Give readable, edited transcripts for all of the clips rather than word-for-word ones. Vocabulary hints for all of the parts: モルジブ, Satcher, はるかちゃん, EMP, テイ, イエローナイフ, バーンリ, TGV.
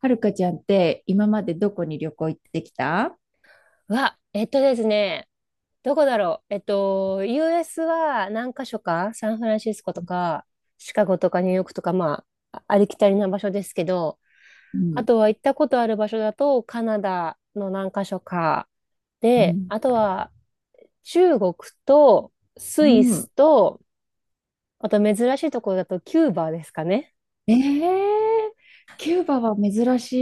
はるかちゃんって今までどこに旅行行ってきた？わ、えっとですね、どこだろう。US は何か所か、サンフランシスコとか、シカゴとかニューヨークとか、まあ、ありきたりな場所ですけど、うあん、とは行ったことある場所だと、カナダの何か所か、うで、ん、あとは中国とスうイスん。と、あと珍しいところだとキューバですかね。ええ、キューバは珍し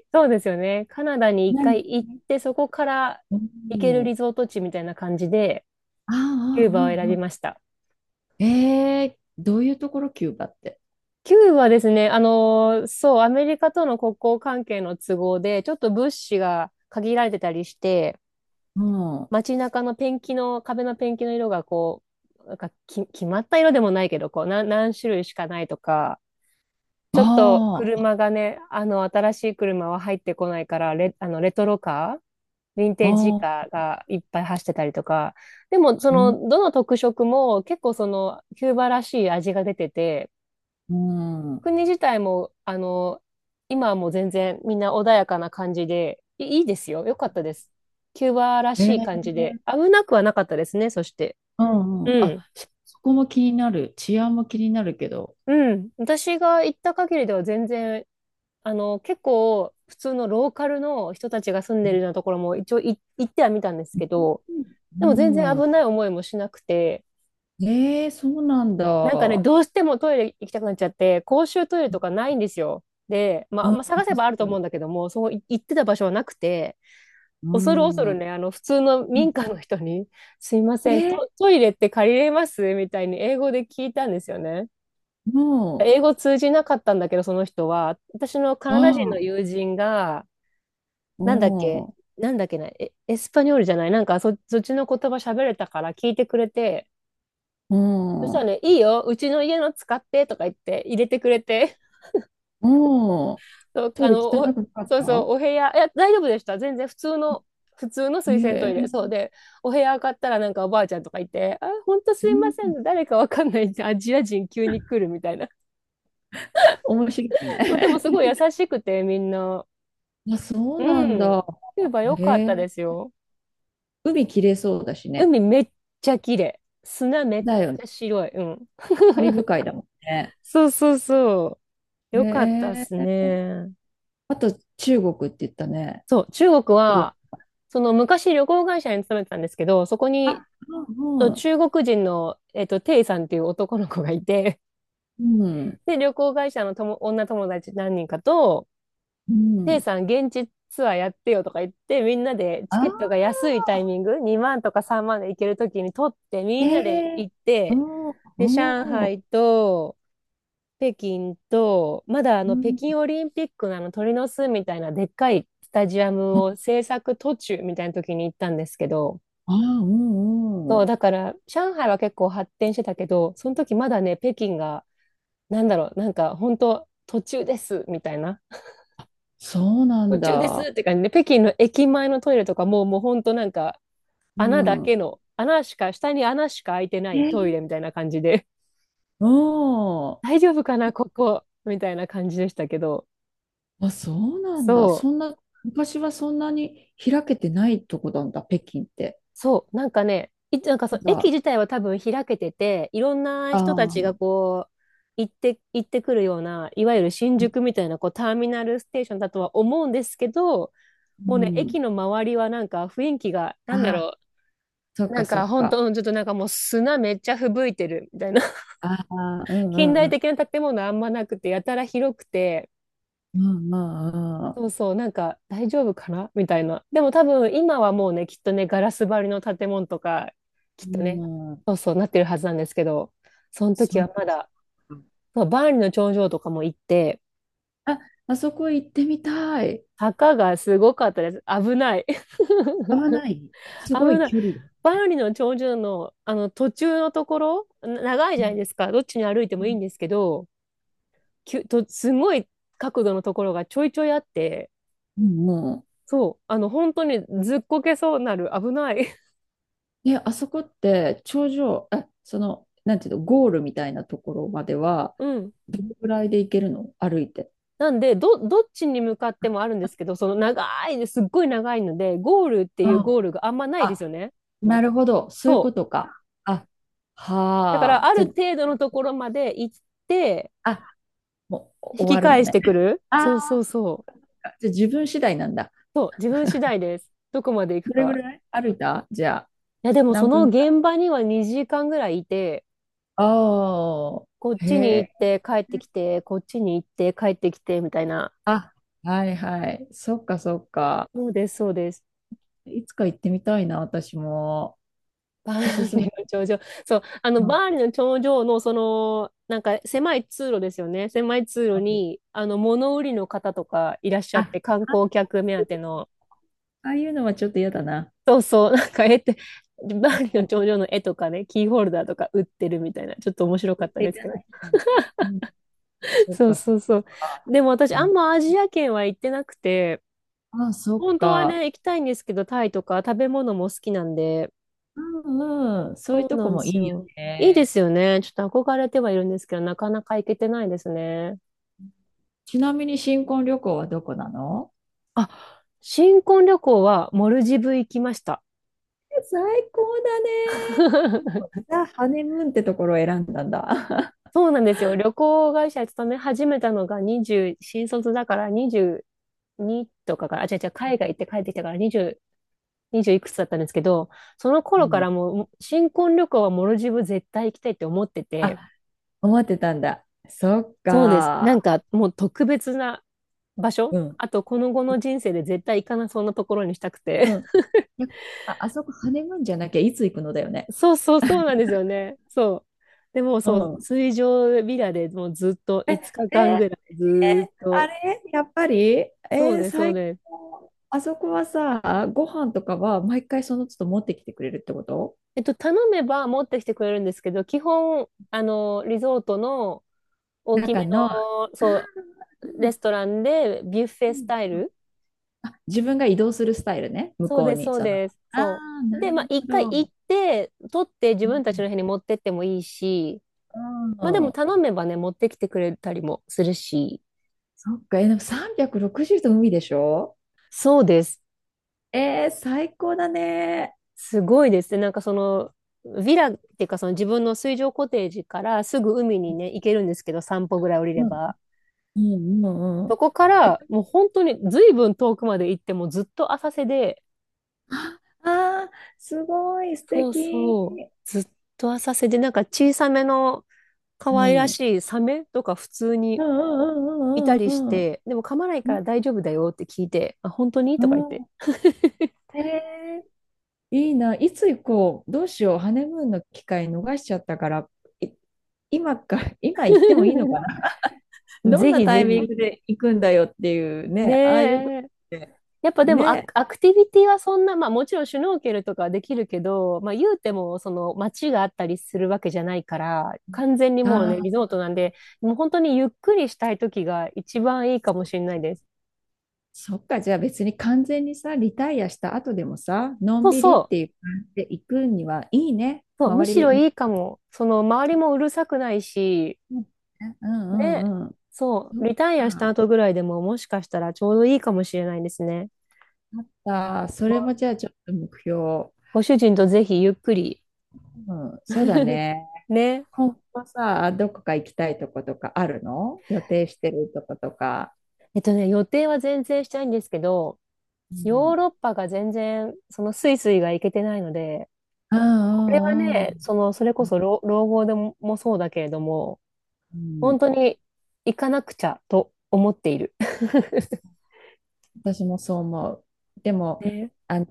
い。そうですよね。カナダに一回何？行って、そこからお、行けるリお、ゾート地みたいな感じで、ああ、キューバをあ選あ、あびまあ。した。ええ、どういうところキューバって？キューはですね、そう、アメリカとの国交関係の都合で、ちょっと物資が限られてたりして、うん。あ街中のペンキの、壁のペンキの色がこう、なんかき、決まった色でもないけど、こう、何種類しかないとか、ちょっとあ、あ車がね、あの、新しい車は入ってこないから、レ、あの、レトロカー、ヴィンテージカあ、ーがいっぱい走ってたりとか、でも、そうん、の、どの特色も結構その、キューバらしい味が出てて、うん。国自体も、あの、今はもう全然みんな穏やかな感じで、いいですよ。よかったです。キューバらえしい感じで、え、危なくはなかったですね、そして。うんううん。あ、ん。そこも気になる。治安も気になるけど。うん。私が行った限りでは全然、あの、結構普通のローカルの人たちが住んうでるようなところも一応行ってはみたんですけん。ど、でも全う然ん、危ない思いもしなくて、ええ、そうなんなんかね、だ。どうしてもトイレ行きたくなっちゃって、公衆トイレとかうないんですよ。で、まん、あ、そまあ、探せうばあるとそ思うんだう、けども、そこ行ってた場所はなくて、う恐る恐ん。るうね、あの、普通のん、民家の人に、すいませね、ん、トイレって借りれますみたいに英語で聞いたんですよね。も英語通じなかったんだけど、その人は、私のカう、ナダ人あのあ、友人が、なんだっけ、もなんだっけな、エスパニョールじゃない、なんかそっちの言葉喋れたから聞いてくれて、う、そしたらもね、いいよ、うちの家の使ってとか言って入れてくれて、う、もう、そう、トあイレの、汚くなかっそうそう、た？お部屋、いや、大丈夫でした。全然普通の、普通のへ水洗トイレ。そえ、うで、お部屋上がったらなんかおばあちゃんとかいて、あ、ほんとうすいませんん、ね、誰かわかんないアジア人急に来るみたいな。面白い そう、でもね。すごい優しくて、みんな。あ、そううなんん。だ。キューバ良へかったでえ、すよ。海きれいそうだしね。海めっちゃ綺麗。砂めっだよね。ちゃ白い。うん。カリブ 海だもんね。そうそうそう。へよかったっすえ、ね。あと中国って言ったね。そう、中国中国。は、その昔旅行会社に勤めてたんですけど、そこにあ、とうん、中国人の、えっと、テイさんっていう男の子がいて、うん、うん。で、旅行会社の女友達何人かと、うテイん、さん現地ツアーやってよとか言って、みんなでチケットあが安いタイミング、2万とか3万で行けるときに取って、みー、えんなでえ、行っうて、ん、うで、上ん、う海と、北京と、まだあの北ん、京オリンピックのあの鳥の巣みたいなでっかいスタジアムを制作途中みたいな時に行ったんですけど、あー、うん、うそう、ん。だから上海は結構発展してたけど、その時まだね、北京がなんだろう、なんか本当途中ですみたいな。そうなん途中ですだ。って感じで、北京の駅前のトイレとかもう、もう本当なんかう穴だん。けの、穴しか、下に穴しか開いてなえ、いトイレみたいな感じで、う ん、大丈夫かな、ここみたいな感じでしたけど、あ、そうなんだ。そう、そんな、昔はそんなに開けてないとこなんだ、北京って。そう、なんかね、なんかそなんの駅か、自体は多分開けてて、いろんなあ人たちがあ、こう、行ってくるような、いわゆる新宿みたいなこうターミナルステーションだとは思うんですけど、うもうね、ん。駅の周りはなんか雰囲気が、なあんだあ、ろそう、っなかんそかっ本か。当、ちょっとなんかもう砂めっちゃ吹雪いてるみたいな。ああ、うんう近ん代うん。的な建物あんまなくて、やたら広くて、うんうんうそうそう、なんか大丈夫かなみたいな。でも多分今はもうね、きっとね、ガラス張りの建物とか、きっとね、ん。うん、そうそうなってるはずなんですけど、その時そっはまか。だ、そうバーンリの頂上とかも行って、あ、あそこ行ってみたい。坂がすごかったです。危ない。合 わない。す危ごいない。距離だ。バーンリの頂上の、あの途中のところ、長いうじゃないんですか。どっちに歩いてもいいんですけど、きゅとすごい角度のところがちょいちょいあって、うんうん、そう、あの本当にずっこけそうなる、危ない。 ね、あそこって頂上、え、その、なんていうの、ゴールみたいなところまでは、うん。どのぐらいで行けるの歩いて？なんでどどっちに向かってもあるんですけど、その長いです、っごい長いので、ゴールっていうゴあ、ールがあんまないであ、すよね。なるほど。そうそいうう、ことか。あ、だかはらあ。あじゃるあ、程度のところまで行ってあ、もう引き終わるの返しね。てくる。そうあそあ、うそう。じゃあ自分次第なんだ。そう、自分次第です、どこまで行くどれぐか。らい歩いたじゃあ、いや、でもそ何の分ぐらい？現場には2時間ぐらいいて、あこっあ、へちに行っえ。て帰ってきて、こっちに行って帰ってきてみたいな。あ、はいはい。そっかそっか。そうです、そうです。いつか行ってみたいな、私も。バおすーンすリめ？の頂上。そう、あうの、んバうーンリの頂上の、その、なんか狭い通路ですよね。狭い通路ん、に、あの、物売りの方とかいらっしゃっあ、て、観光客目当ての、ああいうのはちょっと嫌だな。そうそう、なんか絵って、バーンリの頂上の絵とかね、キーホルダーとか売ってるみたいな、ちょっと面白か絶った対でいすらけど。ないな。うん。そっそうか、そっそうそう。か。でも私、あんね、まアジア圏は行ってなくて、ああ、そっ本当はか。ね、行きたいんですけど、タイとか食べ物も好きなんで、うんうん。そういうそうとなこんでもいすいよよ。いいでね。すよね。ちょっと憧れてはいるんですけど、なかなか行けてないですね。ちなみに新婚旅行はどこなの？あ、新婚旅行はモルジブ行きました。え、最高だね。もう ザ・ハネムーンってところを選んだんだ。そうなんですよ。旅行会社勤め始めたのが20、新卒だから22とかから、あ、違う、海外行って帰ってきたから20いくつだったんですけど、その 頃かうらん。もう新婚旅行はモルジブ絶対行きたいって思ってて、あ、思ってたんだ。そっそうです。なか。んかもう特別な場う所、ん。あと、この後の人生で絶対行かなそうなところにしたくうて。ん。逆にさ、あそこハネムーンじゃなきゃいつ行くのだよね。そうなんですよね。そう。でもうそう、ん。水上ビラでもうずっと5日間ぐらえ、いずーっあと。れやっぱり、えそうーね、そう最ね。高。あそこはさ、ご飯とかは毎回その都度持ってきてくれるってこと？えっと、頼めば持ってきてくれるんですけど、基本、あの、リゾートの大きめ中の、の、そうう、レんストランでビュッフうェスんタイうん、ル。あ、自分が移動するスタイルね、向そうこうです、に。そうその、あです。そあ、なう。で、るまあ、一ほ回行ど。って、取って自分たちの部屋にう持ってってもいいし、ん、まあでうもん、頼めばね、持ってきてくれたりもするし。そっか、え、でも360度海でしょ？そうです。えー、最高だね。すごいですね。なんかその、ヴィラっていうかその自分の水上コテージからすぐ海にね、行けるんですけど、散歩ぐらい降りれうん、ば。うん、うん、うそん。こからもう本当に随分遠くまで行ってもずっと浅瀬で、ああー、すごい、素そう敵。そう、ずっと浅瀬で、なんか小さめのう可愛らん、うん、しいサメとか普通うにいたん、うん、りうしん、うん。て、でも噛まないうかんら大丈夫だよって聞いて、あ、本当にうとか言って。ん。えー、いいな。いつ行こう。どうしよう。ハネムーンの機会逃しちゃったから、い今か、今行ってもいいのかな。どんぜなひタぜイミンひ。グで行くんだよっていうねね、ああいうとこえ。ってやっぱでもね。アクティビティはそんな、まあもちろんシュノーケルとかはできるけど、まあ言うてもその街があったりするわけじゃないから、完全にあもうね、リゾあ、ートなんで、もう本当にゆっくりしたい時が一番いいかもそしれないです。そっか。じゃあ別に完全にさ、リタイアした後でもさ、のそんうびりそっう、ていう感じで行くにはいいね。そう、む周しりろ見、いいかも。その周りもうるさくないし、うんうね、んうん。そそう、っリタイアしたか。後ぐらいでももしかしたらちょうどいいかもしれないですね。あった。それごもじゃあちょっと目標。ご主人とぜひゆっくり。うん、そうだ ね。ね。今後さ、どこか行きたいとことかあるの、予定してるとことか？えっとね、予定は全然したいんですけど、うヨん。ーロッパが全然、そのスイスが行けてないので、うこれはんうんね、その、それうこん。そ老後でも、そうだけれども、うん、本当に行かなくちゃと思っている。私もそう思う。でも、ね、あの、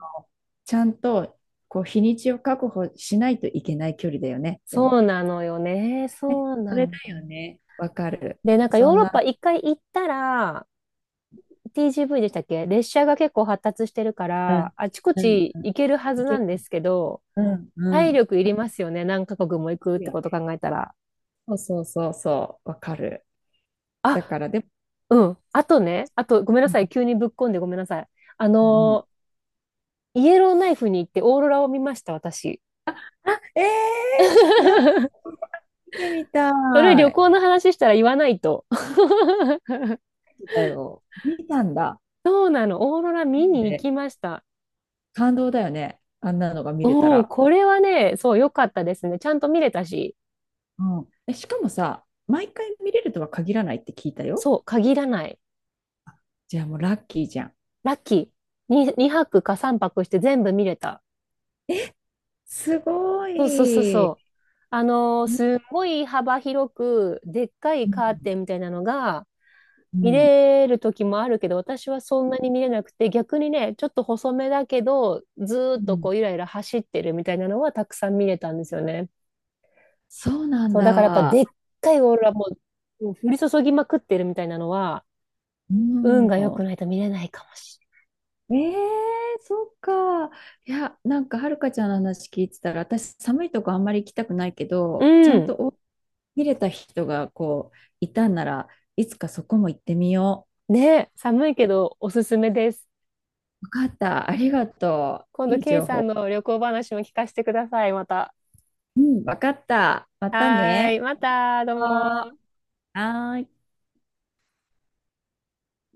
ちゃんと、こう、日にちを確保しないといけない距離だよね。でそうも、なのよね。そうそなれの。だよね。わかる。で、なんかヨそーんロッパな、一回行ったら、TGV でしたっけ、列車が結構発達してるかうら、ん、あちこうん、ちうん。行けるはいずけなる。んですけど、うん、う体ん。力いりますよね。何カ国も行くっいいてよことね。考えたら。そうそうそうそう、わかる。だあ、から、でも、うん。あとね、ごめんなうん、さい。急にぶっこんでごめんなさい。あうん、のー、イエローナイフに行ってオーロラを見ました、私。ええー、なんか 見てみそれた旅い。行の話したら言わないと。だよ。見たんだ。そうなの。オーロラ見に行で、きました。感動だよね、あんなのが見れたうん、ら。これはね、そう、良かったですね。ちゃんと見れたし。うん。え、しかもさ、毎回見れるとは限らないって聞いたよ。そう、限らない。じゃあもうラッキーじゃん。ラッキー。に2泊か3泊して全部見れた。すごそうそうそうそい。う。あのーうん。すんごい幅広く、でっかいカーテンみたいなのが、う見ん。れる時もあるけど、私はそんなに見れなくて、逆にね、ちょっと細めだけど、ずーうっとこん、う、ゆらゆら走ってるみたいなのはたくさん見れたんですよね。そうなんそう、だからやっぱでだ。っかいオーロラも、うん、降り注ぎまくってるみたいなのは、う運が良ん。くないと見れないかもしええ、そっか。いや、なんかはるかちゃんの話聞いてたら、私寒いとこあんまり行きたくないけど、ちゃれんない。うん。とお見れた人がこういたんならいつかそこも行ってみよね、寒いけどおすすめです。う。わかった。ありがと今う。度、いいケイ情さん報。の旅行話も聞かせてください、また。うん、わかった。またはーね。い、また、どうも。あー、はーい。